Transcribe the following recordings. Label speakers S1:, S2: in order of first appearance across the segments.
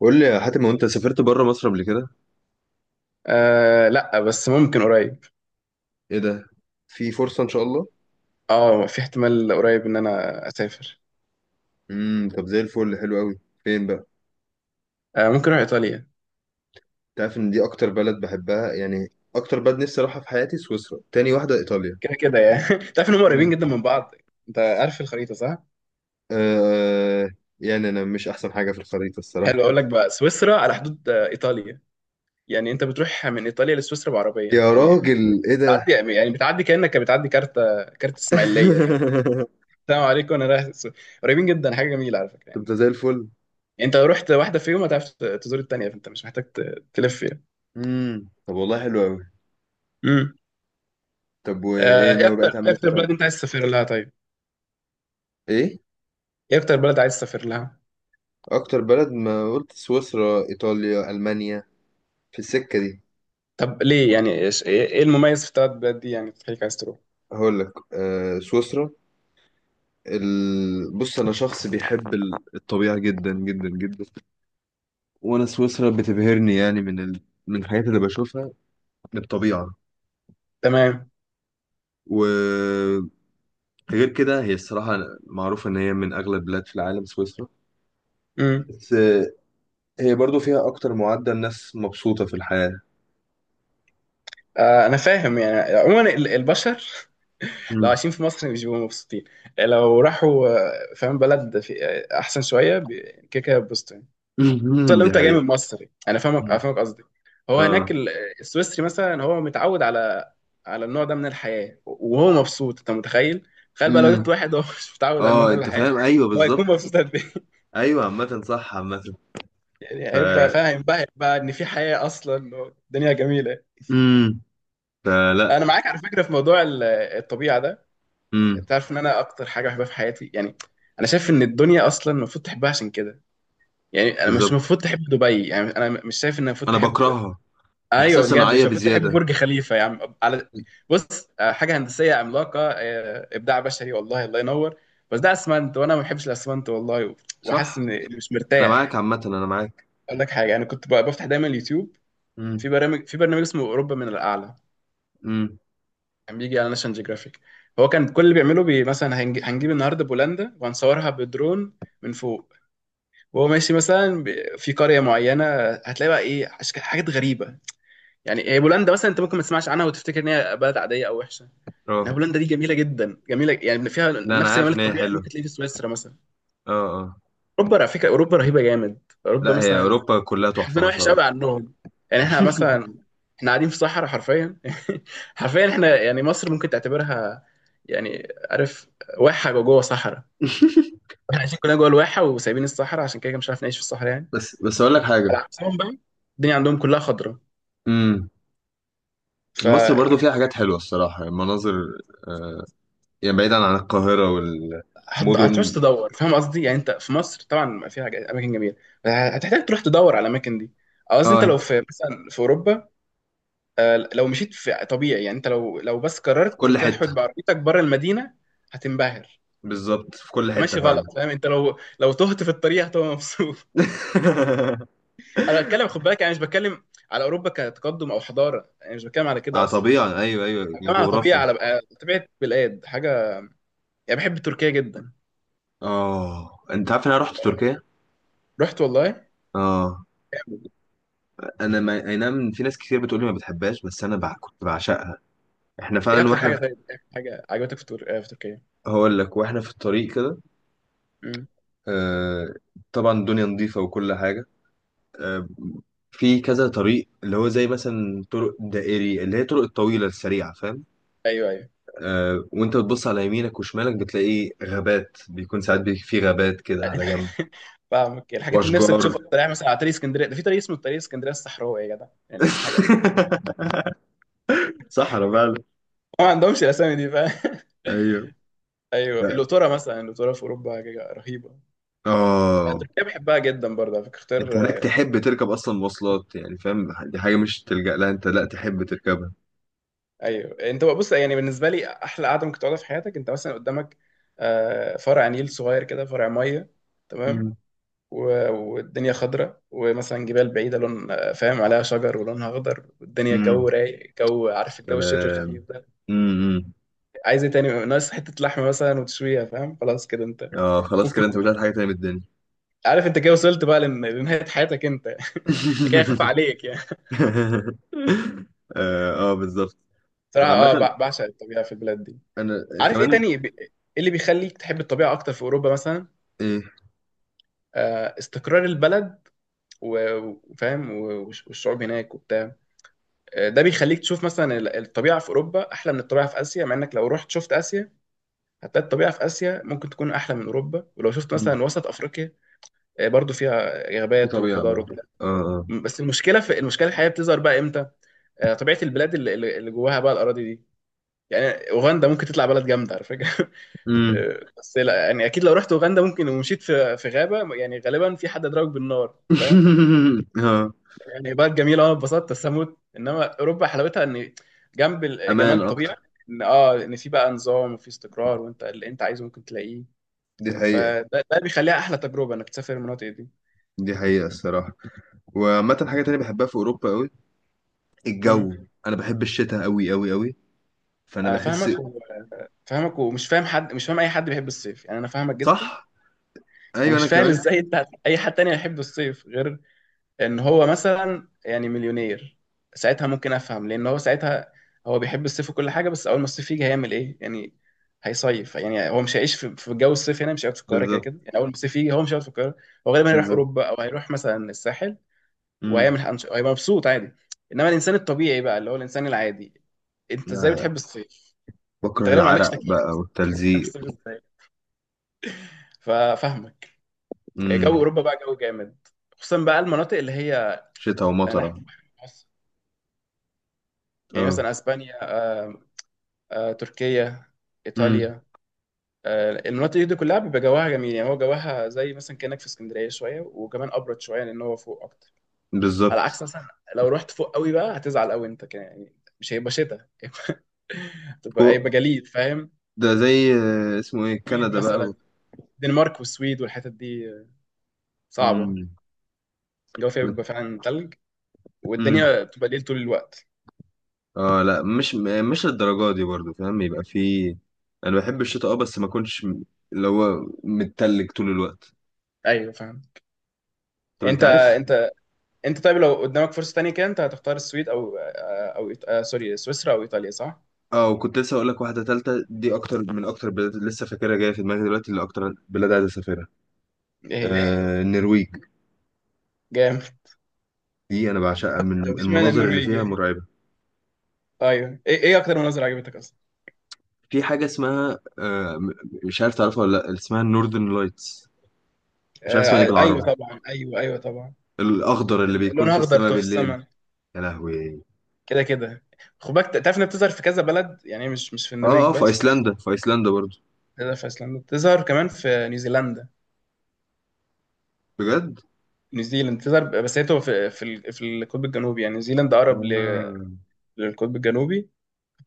S1: قول لي يا حاتم، هو انت سافرت بره مصر قبل كده؟
S2: آه لا، بس ممكن قريب.
S1: ايه ده! في فرصه ان شاء الله.
S2: اه في احتمال قريب ان انا اسافر.
S1: طب زي الفل، حلو قوي، فين بقى؟
S2: آه ممكن اروح ايطاليا.
S1: تعرف ان دي اكتر بلد بحبها، يعني اكتر بلد نفسي اروحها في حياتي، سويسرا، تاني واحده ايطاليا.
S2: كده كده يعني. تعرف ان هم قريبين
S1: مم.
S2: جدا من بعض. انت عارف الخريطه، صح؟
S1: آه. يعني انا مش احسن حاجه في الخريطه
S2: حلو،
S1: الصراحه.
S2: اقول لك بقى سويسرا على حدود ايطاليا. يعني انت بتروح من ايطاليا لسويسرا بعربيه
S1: يا
S2: يعني.
S1: راجل ايه ده!
S2: بتعدي يعني بتعدي كانك بتعدي كارت اسماعيليه، فاهم. السلام عليكم انا رايح السو-. قريبين جدا، حاجه جميله على فكره
S1: طب
S2: يعني.
S1: ده زي الفل.
S2: يعني انت لو رحت واحده فيهم هتعرف تزور التانيه، فانت مش محتاج تلف يعني.
S1: طب والله حلو قوي.
S2: امم
S1: طب وايه
S2: ايه
S1: ناوي بقى
S2: اكتر
S1: تعمل
S2: إيه
S1: ايه في
S2: اكتر بلد انت
S1: ايطاليا؟
S2: عايز تسافر لها، طيب؟
S1: ايه
S2: ايه اكتر بلد عايز تسافر لها؟
S1: اكتر بلد، ما قلت سويسرا ايطاليا المانيا، في السكه دي.
S2: طب ليه يعني، ايش ايه إيه المميز في الثلاث بلاد دي يعني تخليك عايز تروح؟
S1: هقول لك، سويسرا. بص، انا شخص بيحب الطبيعه جدا جدا جدا. وانا سويسرا بتبهرني، يعني من الحاجات اللي بشوفها، من الطبيعه.
S2: تمام.
S1: وغير كده، هي الصراحه معروفه ان هي من اغلى البلاد في العالم سويسرا.
S2: امم
S1: بس هي برضو فيها اكتر معدل ناس مبسوطه في الحياه.
S2: انا فاهم، يعني عموما البشر، لو
S1: مم.
S2: عايشين في مصر مش بيبقوا مبسوطين. لو راحوا فاهم بلد في احسن شويه بي-، كده كده يتبسطوا يعني. خصوصا لو
S1: دي
S2: انت جاي
S1: حقيقه.
S2: من مصر يعني. انا فاهمك
S1: مم.
S2: افهمك قصدي. هو هناك
S1: اه.
S2: ال-. السويسري مثلا هو متعود على النوع ده من الحياه، وهو مبسوط، انت متخيل؟ تخيل بقى لو جبت
S1: مم.
S2: واحد هو مش متعود على النوع
S1: اه،
S2: ده من
S1: انت
S2: الحياه،
S1: فاهم، ايوه
S2: هو
S1: بالظبط.
S2: هيكون مبسوط قد ايه؟
S1: ايوه، عامه صح، عامه.
S2: يعني هيبقى
S1: ف
S2: فاهم بقى، هيبقى ان في حياه اصلا، الدنيا جميله.
S1: امم فلا.
S2: انا معاك على فكره في موضوع ال- الطبيعه ده.
S1: امم.
S2: انت عارف ان انا اكتر حاجه بحبها في حياتي يعني، انا شايف ان الدنيا اصلا المفروض تحبها عشان كده. يعني انا مش
S1: بالظبط.
S2: المفروض تحب دبي، يعني انا مش شايف ان المفروض
S1: انا
S2: تحب.
S1: بكرهها. احساس
S2: ايوه بجد،
S1: صناعيه
S2: مش المفروض تحب
S1: بزياده.
S2: برج خليفه يا عم على. بص، حاجه هندسيه عملاقه، ابداع بشري، والله الله ينور، بس ده اسمنت وانا ما بحبش الاسمنت والله. وحاسس
S1: صح.
S2: اني مش
S1: انا معاك،
S2: مرتاح.
S1: عامه انا معاك.
S2: اقول لك حاجه، انا كنت بفتح دايما اليوتيوب
S1: امم.
S2: في برنامج اسمه اوروبا من الاعلى،
S1: امم.
S2: كان بيجي على ناشونال جيوغرافيك. هو كان كل اللي بيعمله بي، مثلا هنجيب النهارده بولندا وهنصورها بدرون من فوق، وهو ماشي مثلا ب- في قريه معينه. هتلاقي بقى ايه أشك- حاجات غريبه. يعني هي بولندا مثلا، انت ممكن ما تسمعش عنها وتفتكر ان هي بلد عاديه او وحشه،
S1: اه،
S2: انها بولندا دي جميله جدا، جميله يعني، فيها
S1: لا انا
S2: نفس
S1: عارف
S2: جمال
S1: ان هي
S2: الطبيعه اللي
S1: حلوه.
S2: ممكن تلاقيه في سويسرا مثلا.
S1: اه. اه.
S2: اوروبا على فكره اوروبا رهيبه جامد. اوروبا
S1: لا، هي
S2: مثلا،
S1: اوروبا كلها تحفه
S2: حظنا
S1: ما شاء
S2: وحش
S1: الله.
S2: قوي عنهم. يعني احنا مثلا، احنا قاعدين في صحراء حرفيا، حرفيا احنا يعني مصر ممكن تعتبرها، يعني عارف، واحة جوه جوه صحراء. احنا عايشين كلنا جوه الواحة وسايبين الصحراء، عشان كده كده مش عارف نعيش في الصحراء يعني.
S1: بس بس اقول لك حاجه.
S2: على عكسهم بقى، الدنيا عندهم كلها خضرة.
S1: امم.
S2: ف
S1: مصر برضو فيها حاجات حلوه الصراحه، المناظر. آه. يعني بعيدا عن القاهره
S2: هتعوز
S1: والمدن.
S2: تدور، فاهم قصدي. يعني انت في مصر طبعا في حاجات- اماكن جميله، بس هتحتاج تروح تدور على الاماكن دي، أو قصدي انت
S1: اه.
S2: لو في مثلا في اوروبا، لو مشيت في طبيعي يعني، انت لو بس
S1: في
S2: قررت
S1: كل
S2: تحود
S1: حته.
S2: بعربيتك بره المدينه هتنبهر.
S1: بالظبط، في كل حته
S2: ماشي،
S1: فعلا.
S2: غلط، فاهم، انت لو تهت في الطريق هتبقى مبسوط. انا بتكلم، خد بالك، انا مش بتكلم على اوروبا كتقدم او حضاره، انا مش بتكلم على كده
S1: اه
S2: اصلا.
S1: طبيعي، ايوه ايوه،
S2: انا بتكلم على طبيعه،
S1: الجغرافيا.
S2: على بقى- طبيعه بلاد، حاجه. يعني بحب تركيا جدا.
S1: اه، انت عارف ان انا رحت تركيا.
S2: رحت والله.
S1: اه. انا ما... اي نعم، في ناس كتير بتقول لي ما بتحبهاش، بس كنت بعشقها. احنا
S2: ايه
S1: فعلا
S2: اكتر
S1: واحنا
S2: حاجه
S1: في...
S2: طيب، ايه اكتر حاجه عجبتك في, تور... آه، في تركيا؟
S1: هقول لك، واحنا في الطريق كده.
S2: امم.
S1: آه... طبعا الدنيا نظيفة وكل حاجة. آه... في كذا طريق، اللي هو زي مثلا طرق دائري، اللي هي طرق الطويلة السريعة، فاهم؟
S2: ايوه ايوه.
S1: وانت بتبص على يمينك وشمالك بتلاقي غابات، بيكون ساعات في غابات كده على جنب،
S2: فاهمك الحاجات اللي نفسك
S1: واشجار.
S2: تشوفها. الطريق مثلا، على طريق اسكندريه ده في طريق اسمه طريق اسكندريه الصحراوي، يا جدع يعني حاجه،
S1: صحراء فعلا.
S2: ما عندهمش الاسامي دي، فاهم.
S1: ايوه.
S2: ايوه،
S1: لا.
S2: اللوتره مثلا، اللوتره في اوروبا حاجه رهيبه.
S1: اه.
S2: تركيا بحبها جدا برضه على فكره، اختيار.
S1: انت هناك تحب تركب اصلا مواصلات؟ يعني فاهم، دي حاجه مش تلجأ لها، انت لا تحب تركبها.
S2: ايوه انت بقى، بص يعني، بالنسبه لي احلى قعده ممكن تقعدها في حياتك، انت مثلا قدامك فرع نيل صغير كده، فرع ميه. تمام.
S1: مم.
S2: والدنيا خضراء، ومثلا جبال بعيده لون فاهم، عليها شجر ولونها اخضر، والدنيا
S1: امم.
S2: الجو رايق، جو، عارف الجو الشتوي
S1: سلام.
S2: الخفيف ده.
S1: امم.
S2: عايز ايه تاني، ناقص حته لحمه مثلا وتشويها، فاهم، خلاص كده انت.
S1: اه خلاص،
S2: ممكن.
S1: كده انت مش عايز حاجه تانية من الدنيا.
S2: عارف انت كده وصلت بقى لن- لنهايه حياتك انت، كده خاف عليك يعني.
S1: اه، آه بالظبط. انا
S2: صراحه،
S1: عامه،
S2: بعشق الطبيعه في البلاد دي.
S1: انا
S2: عارف ايه
S1: كمان.
S2: تاني بي- ايه اللي بيخليك تحب الطبيعه اكتر في اوروبا مثلا؟
S1: ايه.
S2: استقرار البلد، و- وفاهم، والشعوب هناك وبتاع، ده بيخليك تشوف مثلا الطبيعة في أوروبا أحلى من الطبيعة في آسيا، مع إنك لو رحت شفت آسيا هتلاقي الطبيعة في آسيا ممكن تكون أحلى من أوروبا. ولو شفت
S1: مم.
S2: مثلا وسط أفريقيا برضو فيها
S1: في
S2: غابات
S1: طبيعه
S2: وخضار
S1: برضو.
S2: وبتاع.
S1: اه اه.
S2: م- بس المشكلة، المشكلة الحقيقية بتظهر بقى إمتى؟ طبيعة البلاد اللي اللي جواها بقى الأراضي دي. يعني أوغندا ممكن تطلع بلد جامدة على فكرة.
S1: امم.
S2: بس لا يعني، أكيد لو رحت أوغندا ممكن ومشيت في غابة يعني غالبا في حد ضربك بالنار، فاهم.
S1: اه.
S2: يعني بلد جميله، انا اتبسطت بس هموت، انما اوروبا حلاوتها ان، جنب ال- جمال
S1: امان اكتر.
S2: الطبيعه، ان في بقى نظام وفي استقرار، وانت اللي انت عايزه ممكن تلاقيه.
S1: دي حقيقه.
S2: فده بيخليها احلى تجربه انك تسافر المناطق دي.
S1: دي حقيقه الصراحه. وعامه حاجه تانية بحبها في اوروبا قوي،
S2: امم
S1: الجو. انا بحب الشتاء قوي قوي قوي. فانا
S2: آه،
S1: بحس.
S2: فاهمك و- فاهمك ومش فاهم حد، مش فاهم اي حد بيحب الصيف يعني، انا فاهمك جدا.
S1: صح. ايوه
S2: ومش
S1: انا
S2: فاهم
S1: كمان.
S2: ازاي انت، اي حد تاني هيحب الصيف غير ان هو مثلا يعني مليونير، ساعتها ممكن افهم. لان هو ساعتها هو بيحب الصيف وكل حاجه، بس اول ما الصيف يجي هيعمل ايه يعني؟ هيصيف. يعني هو مش هيعيش في جو الصيف هنا، مش هيقعد في القاهره. كده
S1: بالظبط.
S2: كده يعني، اول ما الصيف يجي هو مش هيقعد في القاهره. هو غالبا هيروح
S1: بالظبط.
S2: اوروبا او هيروح مثلا الساحل،
S1: امم.
S2: وهيعمل أنش-، هيبقى مبسوط عادي. انما الانسان الطبيعي بقى، اللي هو الانسان العادي، انت ازاي
S1: آه،
S2: بتحب الصيف؟ انت
S1: بكره
S2: غالبا ما عندكش
S1: العرق
S2: تكييف
S1: بقى
S2: اصلا، بتحب
S1: والتلزيق.
S2: الصيف ازاي؟ ففاهمك.
S1: امم.
S2: جو اوروبا بقى جو جامد، خصوصا بقى المناطق اللي هي
S1: شتاء
S2: ناحيه
S1: ومطره.
S2: البحر المتوسط، يعني
S1: اه.
S2: مثلا اسبانيا، تركيا،
S1: امم.
S2: ايطاليا. المناطق دي كلها بيبقى جواها جميل، يعني هو جواها زي مثلا كانك في اسكندريه شويه وكمان ابرد شويه، لان هو فوق اكتر. على
S1: بالظبط.
S2: عكس مثلا لو رحت فوق قوي بقى هتزعل قوي انت كده يعني. مش هيبقى شتاء، تبقى
S1: فوق.
S2: هيبقى جليد، فاهم.
S1: ده زي اسمه ايه،
S2: سويد
S1: كندا بقى.
S2: مثلا. الدنمارك والسويد والحتت دي صعبه،
S1: امم.
S2: الجو فيها بيبقى فعلا تلج،
S1: امم.
S2: والدنيا بتبقى ليل طول الوقت.
S1: اه لا، مش للدرجه دي برضو، فاهم؟ يبقى في، انا بحب الشتاء اه، بس ما اكونش اللي هو متلج طول الوقت.
S2: ايوه فاهم.
S1: طب انت
S2: انت
S1: عارف؟
S2: انت انت، طيب لو قدامك فرصه تانية كده انت هتختار السويد او إيط- سوري، سويسرا او ايطاليا، صح؟
S1: اه، وكنت لسه اقول لك واحده تالته، دي اكتر من اكتر بلاد لسه فاكرها جايه في دماغي دلوقتي، اللي اكتر بلاد عايز اسافرها.
S2: ايه هي؟
S1: النرويج.
S2: جامد.
S1: دي انا بعشقها، من
S2: طب اشمعنى
S1: المناظر اللي
S2: النرويج
S1: فيها
S2: يعني؟
S1: مرعبه.
S2: ايوه، ايه اكتر مناظر عجبتك اصلا؟
S1: في حاجه اسمها مش عارف تعرفها ولا لا، اسمها النوردن لايتس. مش عارف اسمها ايه
S2: آه ايوه
S1: بالعربي،
S2: طبعا، ايوه ايوه طبعا.
S1: الاخضر اللي بيكون
S2: اللون
S1: في
S2: اخضر
S1: السماء
S2: بتوع في
S1: بالليل.
S2: السماء،
S1: يا لهوي.
S2: كده كده. خد بالك، تعرف انها بتظهر في كذا بلد يعني، مش في
S1: اه
S2: النرويج
S1: اه، في
S2: بس.
S1: ايسلندا، في ايسلندا برضو.
S2: بتظهر في ايسلندا، بتظهر كمان في نيوزيلندا.
S1: بجد.
S2: نيوزيلند بتظهر، بس هي بتبقى في في القطب الجنوبي. يعني نيوزيلند اقرب ل-
S1: آه.
S2: للقطب الجنوبي،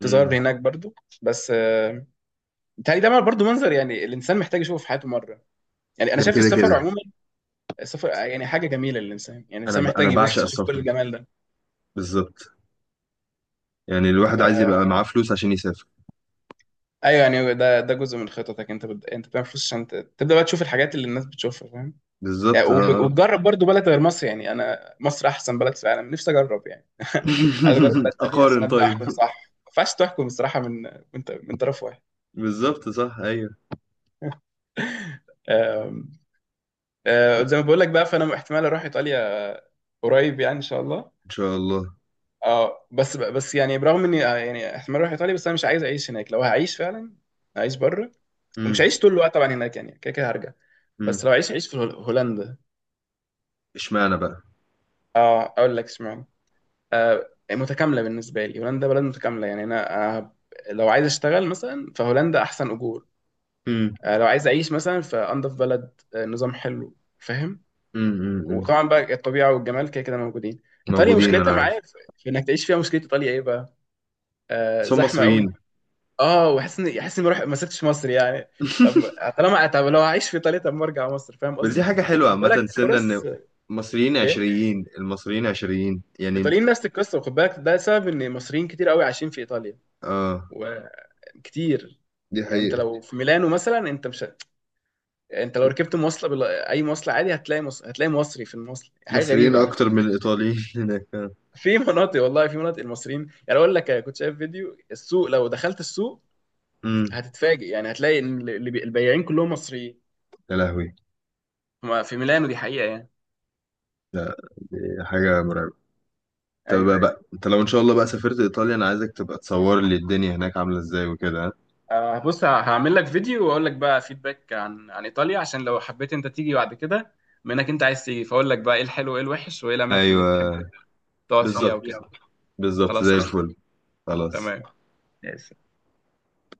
S1: مم.
S2: هناك برضو. بس بيتهيألي ده برضو منظر يعني الانسان محتاج يشوفه في حياته مره. يعني انا
S1: ده
S2: شايف
S1: كده
S2: السفر
S1: كده.
S2: عموما، سفر يعني، حاجة جميلة للإنسان، يعني الإنسان
S1: انا
S2: محتاج
S1: بعشق
S2: يبص يشوف كل
S1: السفر.
S2: الجمال ده.
S1: بالظبط. يعني الواحد عايز
S2: فا
S1: يبقى معاه فلوس عشان يسافر.
S2: أيوه يعني، ده جزء من خططك. أنت بتعمل فلوس عشان تبدأ بقى تشوف الحاجات اللي الناس بتشوفها، فاهم. يعني
S1: بالظبط اه.
S2: وب...
S1: آه.
S2: وتجرب برضو بلد غير مصر، يعني أنا مصر أحسن بلد في العالم، نفسي أجرب يعني. عايز أجرب بلد تانية عشان
S1: اقارن
S2: أبدأ
S1: طيب.
S2: أحكم صح، ما ينفعش تحكم بصراحة من طرف واحد.
S1: بالظبط صح ايوه.
S2: أم... زي ما بقول لك بقى، فأنا احتمال أروح إيطاليا قريب يعني، إن شاء الله.
S1: ان شاء الله.
S2: اه بس يعني برغم اني يعني احتمال اروح ايطاليا، بس انا مش عايز اعيش هناك. لو هعيش فعلا هعيش بره، مش
S1: امم.
S2: هعيش طول الوقت طبعا هناك، يعني كده كده هرجع.
S1: امم.
S2: بس لو عيش في هولندا.
S1: اشمعنى بقى؟
S2: اه اقول لك اشمعنى، متكامله. بالنسبه لي هولندا بلد متكامله يعني انا. لو عايز اشتغل مثلا فهولندا احسن اجور،
S1: امم.
S2: لو عايز اعيش مثلا فانضف بلد، نظام حلو، فاهم.
S1: امم. امم.
S2: وطبعا بقى الطبيعه والجمال كده كده موجودين. ايطاليا
S1: موجودين، انا
S2: مشكلتها
S1: عارف.
S2: معايا في انك تعيش فيها. مشكله ايطاليا ايه بقى؟
S1: بس هم
S2: زحمه قوي.
S1: مصريين.
S2: اه وحاسس اني، حاسس اني ما سبتش مصر يعني. طب، طالما، طب لو هعيش في ايطاليا طب ما ارجع مصر، فاهم
S1: بس دي
S2: قصدي.
S1: حاجة حلوة،
S2: وخد
S1: عامة
S2: بالك
S1: سنة ان
S2: فرص.
S1: مصريين
S2: ايه.
S1: عشريين المصريين عشريين يعني.
S2: الايطاليين نفس القصه، وخد بالك ده سبب ان مصريين كتير قوي عايشين في ايطاليا،
S1: اه.
S2: وكتير.
S1: دي
S2: يعني انت
S1: حقيقة.
S2: لو في ميلانو مثلا، انت مش هت...، انت لو ركبت مواصله بال...، اي مواصله عادي هتلاقي مصري في المواصله، حاجه
S1: مصريين
S2: غريبه على
S1: اكتر
S2: فكره.
S1: من الايطاليين هناك.
S2: في مناطق والله، في مناطق المصريين، يعني اقول لك كنت شايف فيديو السوق. لو دخلت السوق
S1: امم.
S2: هتتفاجئ، يعني هتلاقي ان البياعين كلهم مصريين،
S1: يا لهوي.
S2: هما في ميلانو، دي حقيقه يعني.
S1: لا، دي حاجة مرعبة. طب
S2: ايوه،
S1: بقى انت لو ان شاء الله بقى سافرت ايطاليا، انا عايزك تبقى تصور لي الدنيا هناك عاملة ازاي وكده، ها؟
S2: بص، هعمل لك فيديو واقول لك بقى فيدباك عن ايطاليا، عشان لو حبيت انت تيجي بعد كده. منك انت عايز تيجي، فاقول لك بقى ايه الحلو وايه الوحش وايه الاماكن اللي تحب
S1: ايوه.
S2: تقعد فيها
S1: بالظبط.
S2: وكده.
S1: بالظبط زي
S2: خلاص، قشطة.
S1: الفل. خلاص.
S2: تمام. ماشي.